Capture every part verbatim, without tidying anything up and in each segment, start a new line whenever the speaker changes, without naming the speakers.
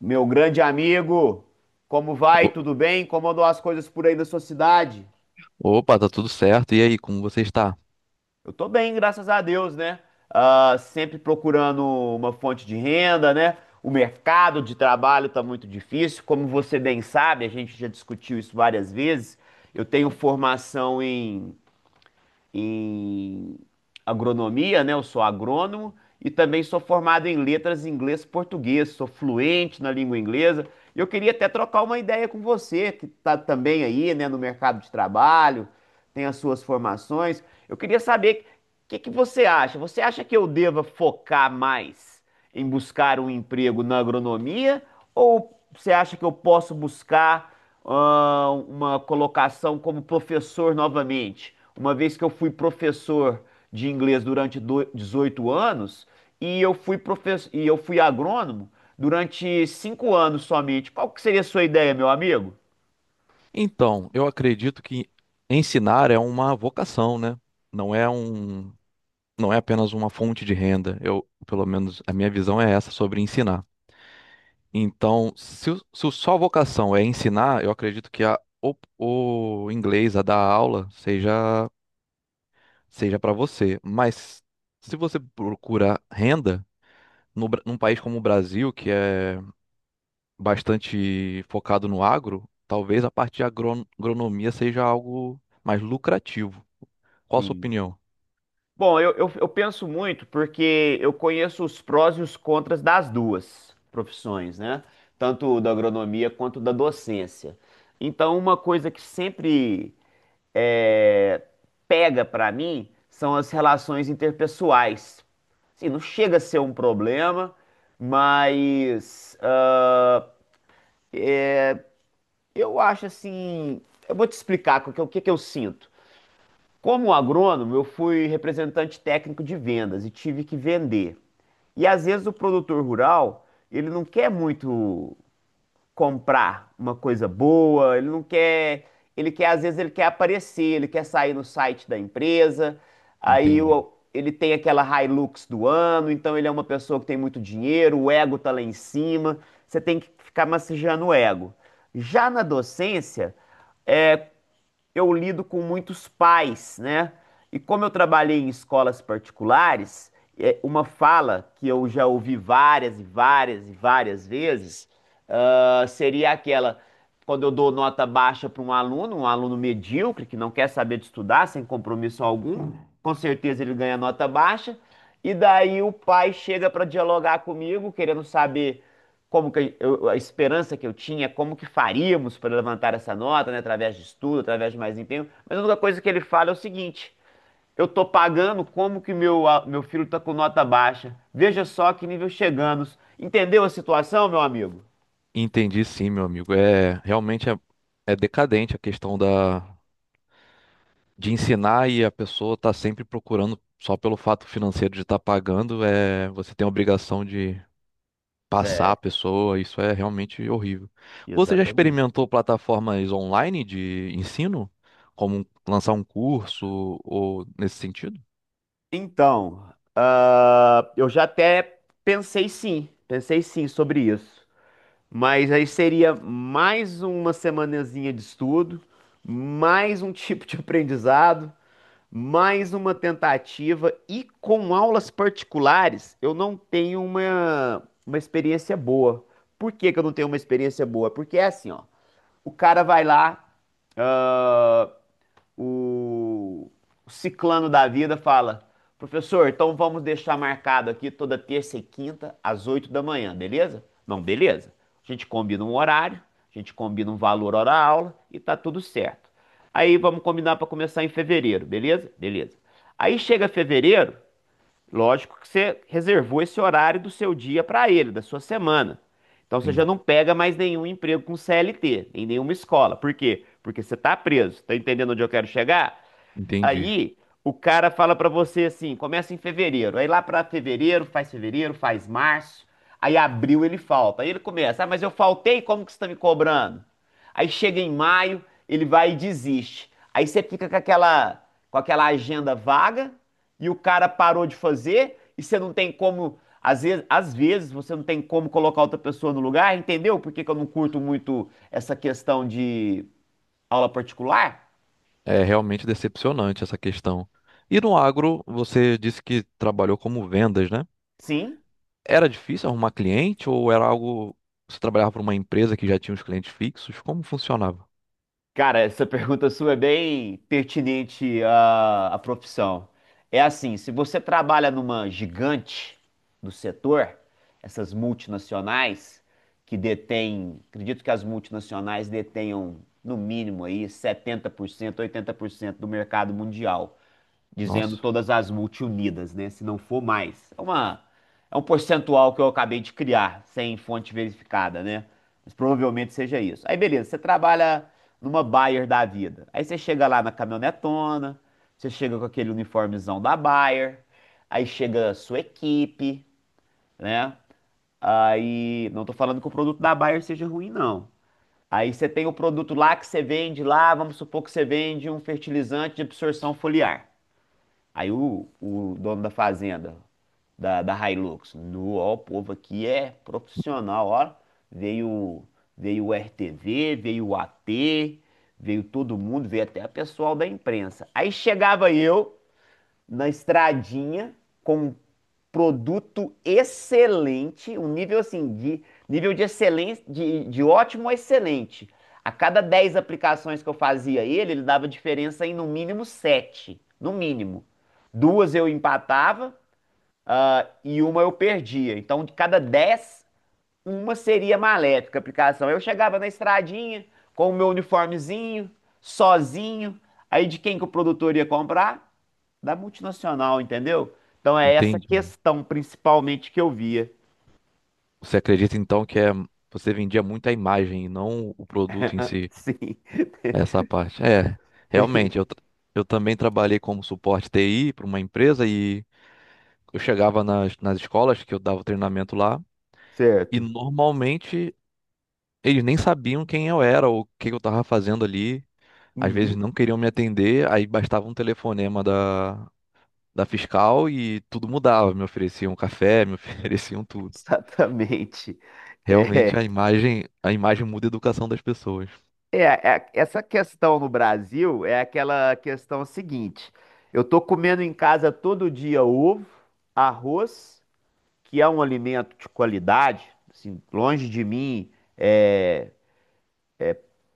Meu grande amigo, como vai?
O-
Tudo bem? Como andam as coisas por aí da sua cidade?
Opa, tá tudo certo. E aí, como você está?
Eu tô bem, graças a Deus, né? Ah, sempre procurando uma fonte de renda, né? O mercado de trabalho tá muito difícil. Como você bem sabe, a gente já discutiu isso várias vezes. Eu tenho formação em em agronomia, né? Eu sou agrônomo e também sou formado em letras em inglês e português, sou fluente na língua inglesa. E eu queria até trocar uma ideia com você, que está também aí, né, no mercado de trabalho, tem as suas formações. Eu queria saber o que que você acha? Você acha que eu deva focar mais em buscar um emprego na agronomia ou você acha que eu posso buscar ah, uma colocação como professor novamente, uma vez que eu fui professor de inglês durante do- dezoito anos e eu fui professor e eu fui agrônomo durante cinco anos somente. Qual que seria a sua ideia, meu amigo?
Então, eu acredito que ensinar é uma vocação, né? Não é um, não é apenas uma fonte de renda. Eu, pelo menos, a minha visão é essa sobre ensinar. Então, se, o- se o só vocação é ensinar, eu acredito que a, o, o inglês, a dar aula, seja, seja para você. Mas se você procura renda no, Bra- num país como o Brasil, que é bastante focado no agro, talvez a parte de agron- agronomia seja algo mais lucrativo. Qual a sua
Sim.
opinião?
Bom, eu, eu, eu penso muito porque eu conheço os prós e os contras das duas profissões, né? Tanto da agronomia quanto da docência. Então, uma coisa que sempre é, pega pra mim são as relações interpessoais. Assim, não chega a ser um problema, mas ah, eu acho assim. Eu vou te explicar o que, o que que eu sinto. Como agrônomo, eu fui representante técnico de vendas e tive que vender. E às vezes o produtor rural, ele não quer muito comprar uma coisa boa, ele não quer, ele quer às vezes ele quer aparecer, ele quer sair no site da empresa, aí
Entendi.
o- ele tem aquela Hilux do ano, então ele é uma pessoa que tem muito dinheiro, o ego tá lá em cima, você tem que ficar massageando o ego. Já na docência, é, eu lido com muitos pais, né? E como eu trabalhei em escolas particulares, é uma fala que eu já ouvi várias e várias e várias vezes, ah, seria aquela quando eu dou nota baixa para um aluno, um aluno medíocre que não quer saber de estudar, sem compromisso algum, com certeza ele ganha nota baixa. E daí o pai chega para dialogar comigo, querendo saber como que eu- a esperança que eu tinha, como que faríamos para levantar essa nota, né, através de estudo, através de mais empenho. Mas a única coisa que ele fala é o seguinte: eu tô pagando como que meu, a- meu filho tá com nota baixa. Veja só que nível chegamos. Entendeu a situação, meu amigo?
Entendi sim, meu amigo. É realmente é, é decadente a questão da de ensinar e a pessoa tá sempre procurando só pelo fato financeiro de estar pagando, é você tem a obrigação de passar
É,
a pessoa, isso é realmente horrível. Você já
exatamente.
experimentou plataformas online de ensino, como lançar um curso ou nesse sentido?
Então, ah, eu já até pensei sim, pensei sim sobre isso. Mas aí seria mais uma semanazinha de estudo, mais um tipo de aprendizado, mais uma tentativa e com aulas particulares eu não tenho uma, uma experiência boa. Por que que eu não tenho uma experiência boa? Porque é assim, ó, o cara vai lá, ah, o ciclano da vida fala: professor, então vamos deixar marcado aqui toda terça e quinta às oito da manhã, beleza? Não, beleza. A gente combina um horário, a gente combina um valor hora aula e tá tudo certo. Aí vamos combinar para começar em fevereiro, beleza? Beleza. Aí chega fevereiro. Lógico que você reservou esse horário do seu dia para ele, da sua semana. Então você já
Sim.
não pega mais nenhum emprego com C L T, em nenhuma escola. Por quê? Porque você está preso. Tá entendendo onde eu quero chegar?
Entendi.
Aí o cara fala pra você assim, começa em fevereiro. Aí lá pra fevereiro, faz fevereiro, faz março. Aí abril ele falta. Aí ele começa, ah, mas eu faltei, como que você tá me cobrando? Aí chega em maio, ele vai e desiste. Aí você fica com aquela, com aquela agenda vaga e o cara parou de fazer e você não tem como, às vezes, às vezes você não tem como colocar outra pessoa no lugar, entendeu? Por que que eu não curto muito essa questão de aula particular?
É realmente decepcionante essa questão. E no agro, você disse que trabalhou como vendas, né?
Sim.
Era difícil arrumar cliente ou era algo. Você trabalhava para uma empresa que já tinha os clientes fixos? Como funcionava?
Cara, essa pergunta sua é bem pertinente à, à profissão. É assim, se você trabalha numa gigante do setor, essas multinacionais que detêm, acredito que as multinacionais detenham no mínimo aí setenta por cento, oitenta por cento do mercado mundial dizendo
Nossa,
todas as multiunidas, né? Se não for mais. É uma, é um percentual que eu acabei de criar, sem fonte verificada, né? Mas provavelmente seja isso. Aí, beleza, você trabalha numa Bayer da vida. Aí você chega lá na caminhonetona, você chega com aquele uniformezão da Bayer, aí chega a sua equipe, né? Aí, não tô falando que o produto da Bayer seja ruim, não. Aí você tem o produto lá que você vende lá, vamos supor que você vende um fertilizante de absorção foliar. Aí o, o dono da fazenda, da, da Hilux, no, ó, o povo aqui é profissional, ó. Veio, veio o R T V, veio o A T, veio todo mundo, veio até o pessoal da imprensa. Aí chegava eu na estradinha com um produto excelente, um nível assim, de nível de excelência, de, de ótimo a excelente. A cada dez aplicações que eu fazia ele, ele dava diferença em no mínimo sete, no mínimo. Duas eu empatava, ah, e uma eu perdia. Então, de cada dez uma seria maléfica a aplicação. Eu chegava na estradinha com o meu uniformezinho, sozinho. Aí de quem que o produtor ia comprar? Da multinacional, entendeu? Então é essa
entendi.
questão principalmente que eu via.
Você acredita então que é... você vendia muito a imagem e não o produto em si,
Sim,
essa parte? É,
tem-
realmente. Eu, tra- eu também trabalhei como suporte T I para uma empresa e eu chegava nas, nas escolas que eu dava o treinamento lá. E
certo.
normalmente eles nem sabiam quem eu era ou o que que eu tava fazendo ali. Às vezes
Uhum,
não queriam me atender, aí bastava um telefonema da, da fiscal e tudo mudava. Me ofereciam café, me ofereciam tudo.
exatamente.
Realmente a
É,
imagem, a imagem muda a educação das pessoas.
é, é, essa questão no Brasil é aquela questão seguinte: eu tô comendo em casa todo dia ovo, arroz, que é um alimento de qualidade, assim, longe de mim. É,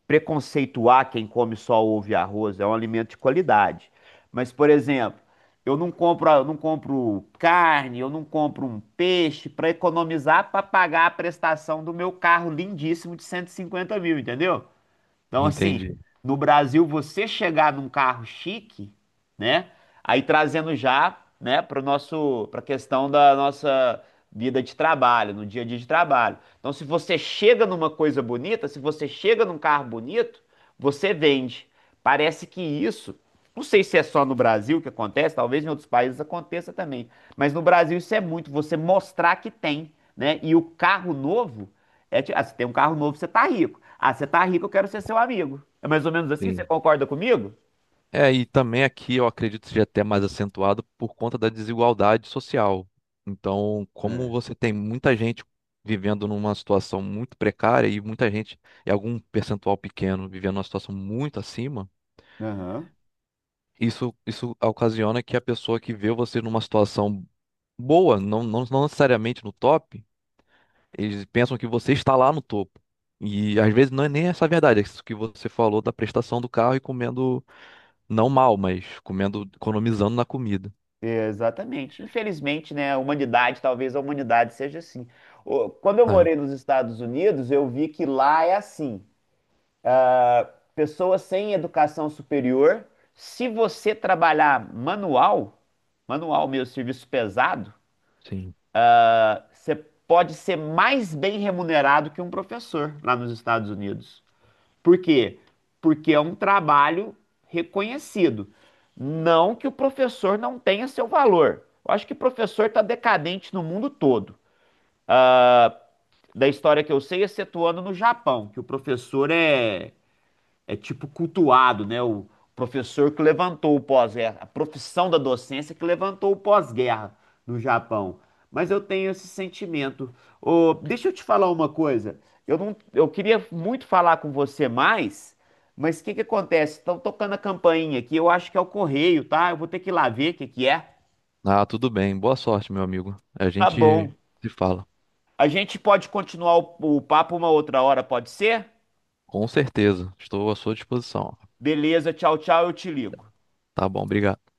preconceituar quem come só ovo e arroz, é um alimento de qualidade. Mas, por exemplo, eu não compro, eu não compro carne, eu não compro um peixe para economizar para pagar a prestação do meu carro lindíssimo de cento e cinquenta mil, entendeu? Então, assim,
Entende?
no Brasil, você chegar num carro chique, né? Aí trazendo já, né, para nosso, para questão da nossa vida de trabalho, no dia a dia de trabalho. Então, se você chega numa coisa bonita, se você chega num carro bonito, você vende. Parece que isso, não sei se é só no Brasil que acontece, talvez em outros países aconteça também, mas no Brasil isso é muito, você mostrar que tem, né? E o carro novo é, ti- ah, você tem um carro novo, você tá rico. Ah, você tá rico, eu quero ser seu amigo. É mais ou menos assim? Você
Sim.
concorda comigo?
É, e também aqui eu acredito seja até mais acentuado por conta da desigualdade social. Então, como
É.
você tem muita gente vivendo numa situação muito precária e muita gente, e algum percentual pequeno vivendo numa situação muito acima,
Aham.
Isso, isso ocasiona que a pessoa que vê você numa situação boa, não, não, não necessariamente no top, eles pensam que você está lá no topo. E às vezes não é nem essa a verdade, é isso que você falou da prestação do carro e comendo, não mal, mas comendo, economizando na comida.
Exatamente. Infelizmente, né, a humanidade, talvez a humanidade seja assim. O- Quando eu
É,
morei nos Estados Unidos, eu vi que lá é assim. ah, Pessoas sem educação superior, se você trabalhar manual, manual mesmo, serviço pesado,
sim.
ah, você pode ser mais bem remunerado que um professor lá nos Estados Unidos. Por quê? Porque é um trabalho reconhecido. Não que o professor não tenha seu valor. Eu acho que professor está decadente no mundo todo. Ah, Da história que eu sei, excetuando no Japão, que o professor é é tipo cultuado, né? O professor que levantou o pós-guerra, a profissão da docência que levantou o pós-guerra no Japão. Mas eu tenho esse sentimento. Ô, deixa eu te falar uma coisa. Eu não, eu queria muito falar com você mais, mas o que que acontece? Estão tocando a campainha aqui. Eu acho que é o correio, tá? Eu vou ter que ir lá ver o que que é.
Ah, tudo bem. Boa sorte, meu amigo. A
Tá
gente
bom.
se fala.
A gente pode continuar o o papo uma outra hora, pode ser?
Com certeza. Estou à sua disposição.
Beleza, tchau, tchau, eu te ligo.
Tá bom, obrigado.